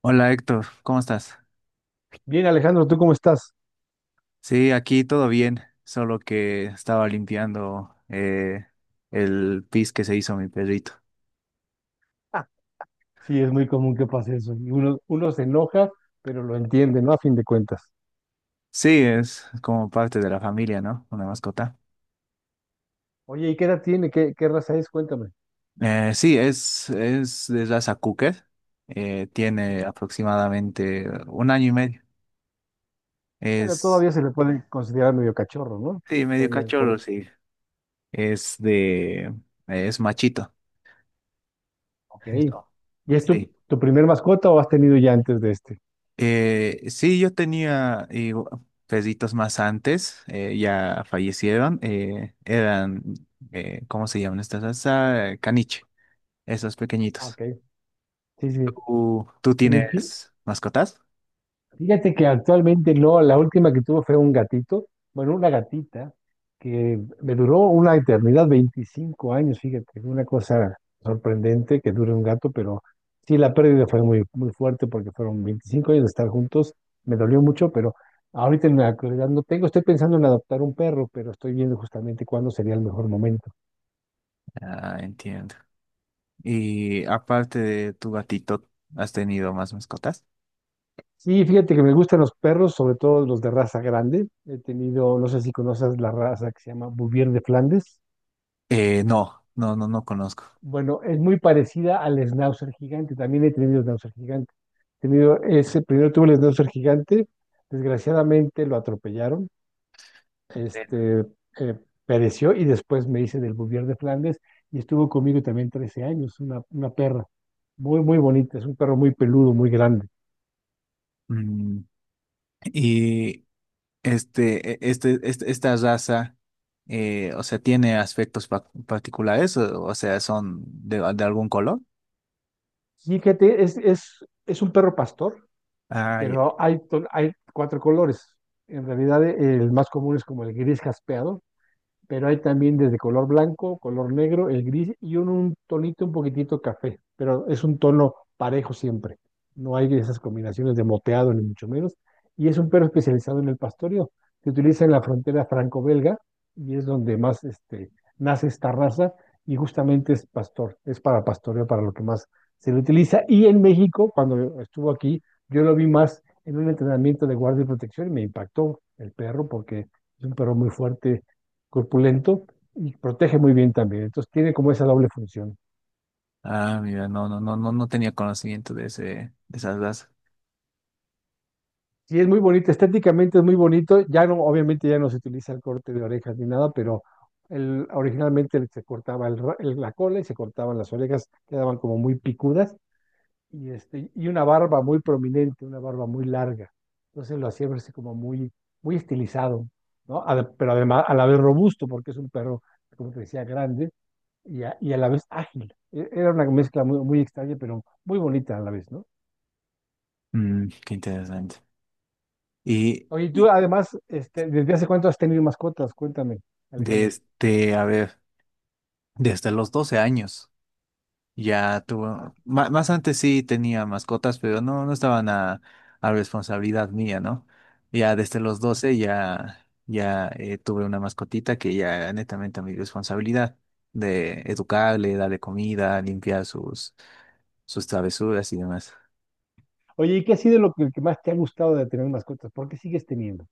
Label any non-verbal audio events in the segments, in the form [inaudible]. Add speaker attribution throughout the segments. Speaker 1: Hola Héctor, ¿cómo estás?
Speaker 2: Bien, Alejandro, ¿tú cómo estás?
Speaker 1: Sí, aquí todo bien, solo que estaba limpiando el pis que se hizo mi perrito.
Speaker 2: Ah, sí, es muy común que pase eso. Y uno se enoja, pero lo entiende, ¿no? A fin de cuentas.
Speaker 1: Sí, es como parte de la familia, ¿no? Una mascota.
Speaker 2: Oye, ¿y qué edad tiene? ¿Qué raza es? Cuéntame.
Speaker 1: Es de raza Cocker. Tiene
Speaker 2: Bueno,
Speaker 1: aproximadamente un año y medio. Es,
Speaker 2: todavía se le puede considerar medio cachorro, ¿no?
Speaker 1: sí, medio
Speaker 2: Todavía, por
Speaker 1: cachorro,
Speaker 2: eso.
Speaker 1: sí. Es de, es machito.
Speaker 2: Ok.
Speaker 1: Eso.
Speaker 2: ¿Y es
Speaker 1: Sí.
Speaker 2: tu primer mascota o has tenido ya antes de este?
Speaker 1: Sí, yo tenía perritos más antes, ya fallecieron, eran, ¿cómo se llaman estas raza? Caniche, esos
Speaker 2: Ah,
Speaker 1: pequeñitos.
Speaker 2: ok. Sí, sí.
Speaker 1: ¿Tú
Speaker 2: Sí, sí.
Speaker 1: tienes mascotas?
Speaker 2: Fíjate que actualmente no, la última que tuve fue un gatito, bueno, una gatita, que me duró una eternidad, 25 años, fíjate, una cosa sorprendente que dure un gato, pero sí, la pérdida fue muy, muy fuerte porque fueron 25 años de estar juntos, me dolió mucho, pero ahorita en la actualidad no tengo, estoy pensando en adoptar un perro, pero estoy viendo justamente cuándo sería el mejor momento.
Speaker 1: Ah, entiendo. Y aparte de tu gatito, ¿has tenido más mascotas?
Speaker 2: Sí, fíjate que me gustan los perros, sobre todo los de raza grande. He tenido, no sé si conoces la raza que se llama Bouvier de Flandes.
Speaker 1: No, no, no, no conozco.
Speaker 2: Bueno, es muy parecida al schnauzer gigante. También he tenido schnauzer gigante. He tenido ese, primero tuve el schnauzer gigante. Desgraciadamente lo atropellaron.
Speaker 1: Ven.
Speaker 2: Este, eh, pereció y después me hice del Bouvier de Flandes y estuvo conmigo también 13 años. Una perra muy, muy bonita. Es un perro muy peludo, muy grande.
Speaker 1: Mm, y esta raza, o sea, tiene aspectos particulares, o sea, son de algún color.
Speaker 2: Fíjate, es un perro pastor,
Speaker 1: Ah, ya-
Speaker 2: pero hay, hay cuatro colores. En realidad, el más común es como el gris jaspeado, pero hay también desde color blanco, color negro, el gris y un tonito un poquitito café, pero es un tono parejo siempre. No hay esas combinaciones de moteado ni mucho menos. Y es un perro especializado en el pastoreo. Se utiliza en la frontera franco-belga y es donde más nace esta raza y justamente es pastor, es para pastoreo, para lo que más se le utiliza. Y en México, cuando estuvo aquí, yo lo vi más en un entrenamiento de guardia y protección y me impactó el perro porque es un perro muy fuerte, corpulento y protege muy bien también. Entonces tiene como esa doble función.
Speaker 1: ah, mira, no, no, no, no, no tenía conocimiento de ese, de esa raza.
Speaker 2: Y es muy bonito, estéticamente es muy bonito. Ya no, obviamente ya no se utiliza el corte de orejas ni nada, pero el, originalmente se cortaba la cola y se cortaban las orejas, quedaban como muy picudas y, este, y una barba muy prominente, una barba muy larga. Entonces lo hacía verse como muy, muy estilizado, ¿no? Pero además a la vez robusto, porque es un perro, como te decía, grande y a la vez ágil. Era una mezcla muy, muy extraña, pero muy bonita a la vez, ¿no?
Speaker 1: Mm, qué interesante. Y
Speaker 2: Oye, y tú además, este, ¿desde hace cuánto has tenido mascotas? Cuéntame, Alejandro.
Speaker 1: desde, a ver, desde los 12 años. Ya
Speaker 2: Ah,
Speaker 1: tuvo,
Speaker 2: qué maravilla.
Speaker 1: más antes sí tenía mascotas, pero no, no estaban a responsabilidad mía, ¿no? Ya desde los 12 ya, tuve una mascotita que ya era netamente a mi responsabilidad de educarle, darle comida, limpiar sus travesuras y demás.
Speaker 2: Oye, ¿y qué ha sido lo que más te ha gustado de tener mascotas? ¿Por qué sigues teniendo?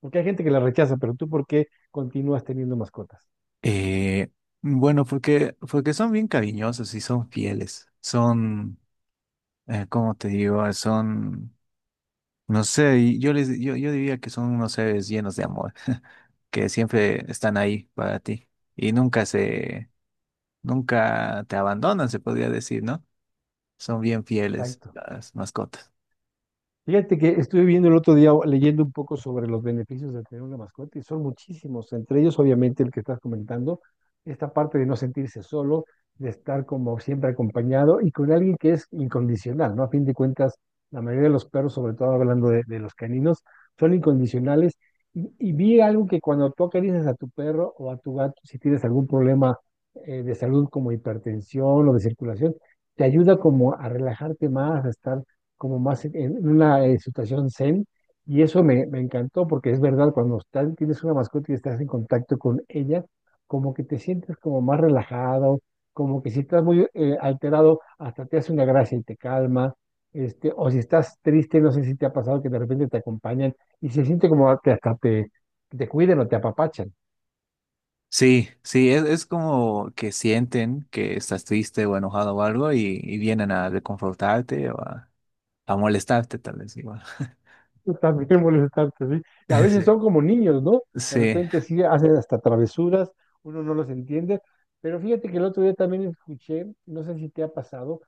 Speaker 2: Porque hay gente que la rechaza, pero tú, ¿por qué continúas teniendo mascotas?
Speaker 1: Eh, bueno, porque son bien cariñosos y son fieles, son, ¿cómo te digo? Son... No sé, y yo diría que son unos seres llenos de amor, [laughs] que siempre están ahí para ti y nunca te abandonan, se podría decir, ¿no? Son bien fieles
Speaker 2: Exacto.
Speaker 1: las mascotas.
Speaker 2: Fíjate que estuve viendo el otro día, o leyendo un poco sobre los beneficios de tener una mascota y son muchísimos, entre ellos obviamente el que estás comentando, esta parte de no sentirse solo, de estar como siempre acompañado y con alguien que es incondicional, ¿no? A fin de cuentas, la mayoría de los perros, sobre todo hablando de los caninos, son incondicionales y vi algo que cuando tú acaricias a tu perro o a tu gato, si tienes algún problema de salud como hipertensión o de circulación, te ayuda como a relajarte más, a estar como más en una situación zen, y eso me, me encantó porque es verdad, tienes una mascota y estás en contacto con ella, como que te sientes como más relajado, como que si estás muy alterado, hasta te hace una gracia y te calma, este, o si estás triste, no sé si te ha pasado que de repente te acompañan y se siente como que hasta te cuiden o te apapachan.
Speaker 1: Sí, sí, es como que sienten que estás triste o enojado o algo y vienen a reconfortarte o a molestarte tal vez igual. [laughs]
Speaker 2: [laughs] Yo también molestante, sí. Y a veces
Speaker 1: Sí.
Speaker 2: son como niños, ¿no? De
Speaker 1: Sí,
Speaker 2: repente sí hacen hasta travesuras, uno no los entiende. Pero fíjate que el otro día también escuché, no sé si te ha pasado,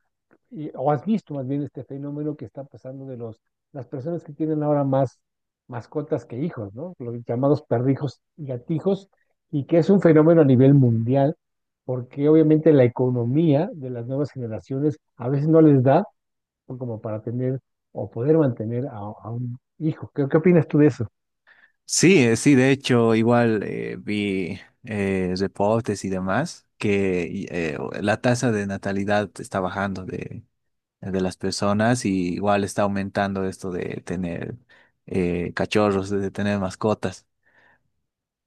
Speaker 2: o has visto más bien este fenómeno que está pasando de las personas que tienen ahora más mascotas que hijos, ¿no? Los llamados perrijos y gatijos, y que es un fenómeno a nivel mundial, porque obviamente la economía de las nuevas generaciones a veces no les da como para tener o poder mantener a un hijo. ¿Qué opinas tú de eso?
Speaker 1: sí, sí, de hecho, igual vi reportes y demás que la tasa de natalidad está bajando de las personas y igual está aumentando esto de tener cachorros, de tener mascotas,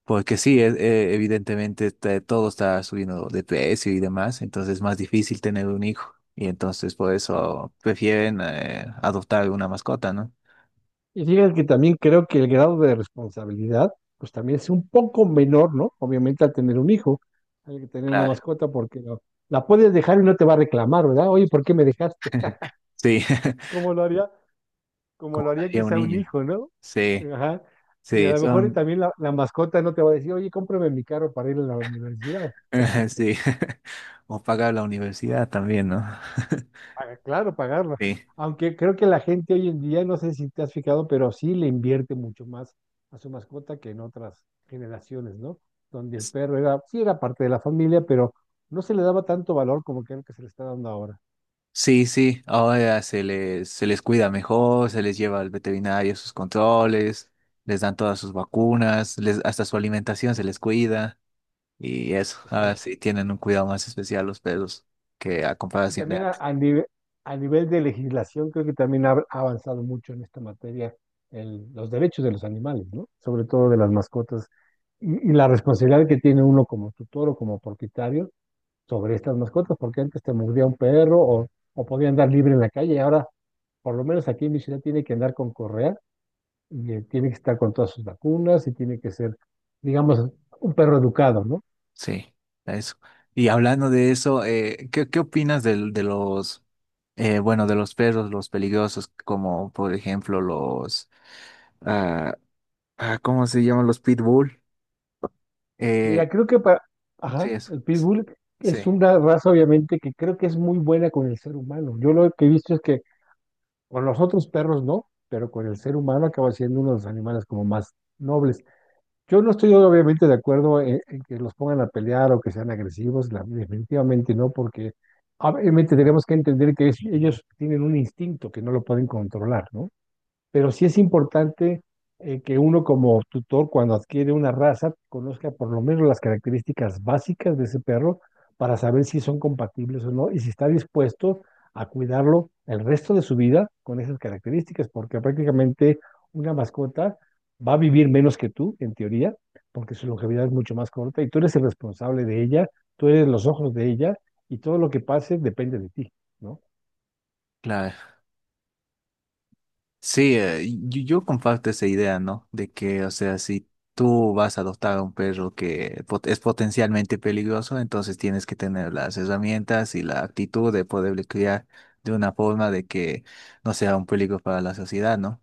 Speaker 1: porque sí, evidentemente todo está subiendo de precio y demás, entonces es más difícil tener un hijo y entonces por eso prefieren adoptar una mascota, ¿no?
Speaker 2: Y fíjate que también creo que el grado de responsabilidad, pues también es un poco menor, ¿no? Obviamente al tener un hijo, hay que tener una
Speaker 1: Claro.
Speaker 2: mascota porque la puedes dejar y no te va a reclamar, ¿verdad? Oye, ¿por qué me dejaste?
Speaker 1: [laughs] Sí,
Speaker 2: [laughs]
Speaker 1: [laughs]
Speaker 2: Como lo haría, como lo
Speaker 1: como
Speaker 2: haría
Speaker 1: haría un
Speaker 2: quizá un
Speaker 1: niño.
Speaker 2: hijo, ¿no?
Speaker 1: Sí.
Speaker 2: Ajá. Y a
Speaker 1: Sí,
Speaker 2: lo mejor
Speaker 1: son,
Speaker 2: también la mascota no te va a decir, oye, cómprame mi carro para ir a la universidad.
Speaker 1: [laughs] sí, [laughs] o pagar la universidad también, ¿no? [laughs]
Speaker 2: Ah, claro, pagarla.
Speaker 1: Sí,
Speaker 2: Aunque creo que la gente hoy en día, no sé si te has fijado, pero sí le invierte mucho más a su mascota que en otras generaciones, ¿no? Donde el perro era, sí era parte de la familia, pero no se le daba tanto valor como creo que se le está dando ahora.
Speaker 1: sí, sí, ahora se les cuida mejor, se les lleva al veterinario sus controles, les dan todas sus vacunas, les, hasta su alimentación se les cuida y eso, ahora
Speaker 2: Exacto.
Speaker 1: sí tienen un cuidado más especial los perros que a
Speaker 2: Y
Speaker 1: comparación de
Speaker 2: también
Speaker 1: antes.
Speaker 2: a nivel de legislación, creo que también ha avanzado mucho en esta materia los derechos de los animales, ¿no? Sobre todo de las mascotas y la responsabilidad que tiene uno como tutor o como propietario sobre estas mascotas, porque antes te mordía un perro o podía andar libre en la calle, y ahora por lo menos aquí en mi ciudad tiene que andar con correa y tiene que estar con todas sus vacunas y tiene que ser, digamos, un perro educado, ¿no?
Speaker 1: Sí, eso. Y hablando de eso, ¿qué opinas de de los perros, los peligrosos, como por ejemplo los... Ah, ah, ¿cómo se llaman los pitbull? Eh,
Speaker 2: Mira, creo que para,
Speaker 1: sí,
Speaker 2: ajá,
Speaker 1: eso.
Speaker 2: el pitbull es
Speaker 1: Sí,
Speaker 2: una raza obviamente que creo que es muy buena con el ser humano. Yo lo que he visto es que con los otros perros no, pero con el ser humano acaba siendo uno de los animales como más nobles. Yo no estoy obviamente de acuerdo en que los pongan a pelear o que sean agresivos, definitivamente no, porque obviamente tenemos que entender que ellos tienen un instinto que no lo pueden controlar, ¿no? Pero sí es importante que uno como tutor, cuando adquiere una raza, conozca por lo menos las características básicas de ese perro para saber si son compatibles o no y si está dispuesto a cuidarlo el resto de su vida con esas características, porque prácticamente una mascota va a vivir menos que tú, en teoría, porque su longevidad es mucho más corta y tú eres el responsable de ella, tú eres los ojos de ella y todo lo que pase depende de ti, ¿no?
Speaker 1: claro. Sí, yo comparto esa idea, ¿no? De que, o sea, si tú vas a adoptar a un perro que es potencialmente peligroso, entonces tienes que tener las herramientas y la actitud de poderle criar de una forma de que no sea un peligro para la sociedad, ¿no?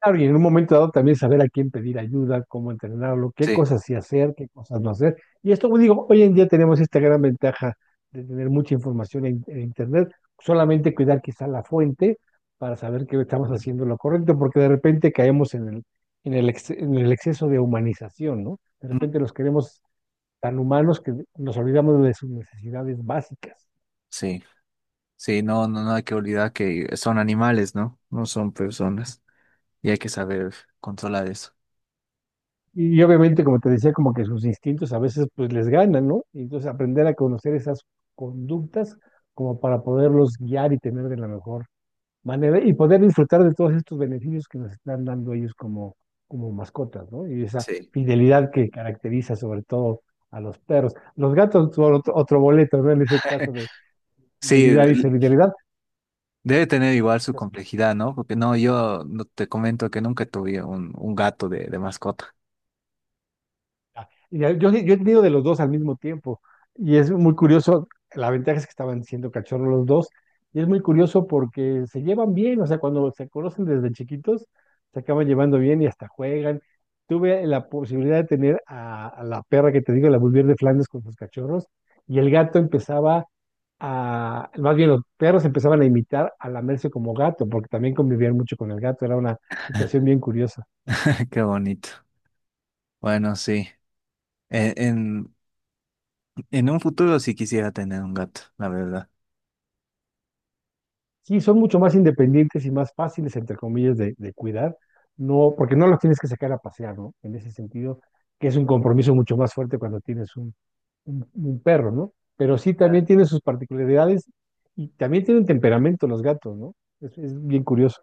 Speaker 2: Claro, y en un momento dado también saber a quién pedir ayuda, cómo entrenarlo, qué
Speaker 1: Sí.
Speaker 2: cosas sí hacer, qué cosas no hacer. Y esto, pues, digo, hoy en día tenemos esta gran ventaja de tener mucha información en Internet, solamente cuidar quizá la fuente para saber que estamos haciendo lo correcto, porque de repente caemos en en el exceso de humanización, ¿no? De
Speaker 1: Mm.
Speaker 2: repente los queremos tan humanos que nos olvidamos de sus necesidades básicas.
Speaker 1: Sí, sí, no, no, no hay que olvidar que son animales, ¿no? No son personas y hay que saber controlar eso.
Speaker 2: Y obviamente, como te decía, como que sus instintos a veces pues les ganan, ¿no? Y entonces aprender a conocer esas conductas como para poderlos guiar y tener de la mejor manera y poder disfrutar de todos estos beneficios que nos están dando ellos como, como mascotas, ¿no? Y esa
Speaker 1: Sí.
Speaker 2: fidelidad que caracteriza sobre todo a los perros. Los gatos, otro boleto, ¿no? En ese caso de
Speaker 1: Sí,
Speaker 2: fidelidad y solidaridad,
Speaker 1: debe tener igual su
Speaker 2: pues,
Speaker 1: complejidad, ¿no? Porque no, yo no te comento que nunca tuve un gato de mascota.
Speaker 2: ah, yo he tenido de los dos al mismo tiempo y es muy curioso, la ventaja es que estaban siendo cachorros los dos y es muy curioso porque se llevan bien, o sea, cuando se conocen desde chiquitos, se acaban llevando bien y hasta juegan. Tuve la posibilidad de tener a la perra que te digo, la Bulldog de Flandes con sus cachorros y el gato empezaba a, más bien los perros empezaban a imitar a lamerse como gato porque también convivían mucho con el gato, era una situación bien curiosa.
Speaker 1: [laughs] Qué bonito. Bueno, sí. En, en, en un futuro sí quisiera tener un gato, la verdad.
Speaker 2: Sí, son mucho más independientes y más fáciles, entre comillas, de cuidar, no, porque no los tienes que sacar a pasear, ¿no? En ese sentido, que es un compromiso mucho más fuerte cuando tienes un, un perro, ¿no? Pero sí
Speaker 1: Ah,
Speaker 2: también tiene sus particularidades y también tienen temperamento los gatos, ¿no? Es bien curioso.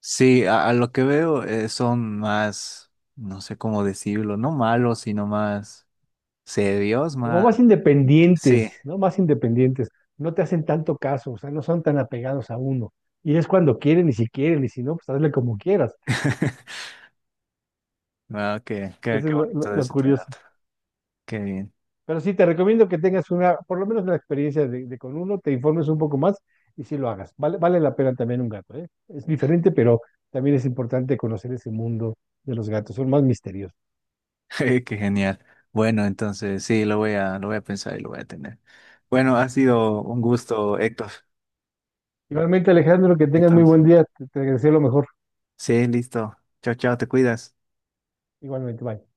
Speaker 1: sí, a lo que veo son más, no sé cómo decirlo, no malos, sino más serios,
Speaker 2: Como
Speaker 1: más...
Speaker 2: más
Speaker 1: Sí.
Speaker 2: independientes, ¿no? Más independientes, no te hacen tanto caso, o sea, no son tan apegados a uno. Y es cuando quieren y si no, pues hazle como quieras.
Speaker 1: [laughs] Ah, qué, qué,
Speaker 2: Eso
Speaker 1: qué
Speaker 2: es
Speaker 1: bonito de
Speaker 2: lo
Speaker 1: ese
Speaker 2: curioso.
Speaker 1: trato. Qué bien.
Speaker 2: Pero sí, te recomiendo que tengas una, por lo menos una experiencia de con uno, te informes un poco más y sí lo hagas. Vale, vale la pena también un gato, ¿eh? Es diferente, pero también es importante conocer ese mundo de los gatos, son más misteriosos.
Speaker 1: [laughs] Qué genial. Bueno, entonces sí, lo voy a pensar y lo voy a tener. Bueno, ha sido un gusto, Héctor.
Speaker 2: Igualmente, Alejandro, que tengas muy
Speaker 1: Entonces,
Speaker 2: buen día, te deseo lo mejor.
Speaker 1: sí, listo. Chao, chao, te cuidas.
Speaker 2: Igualmente, bye.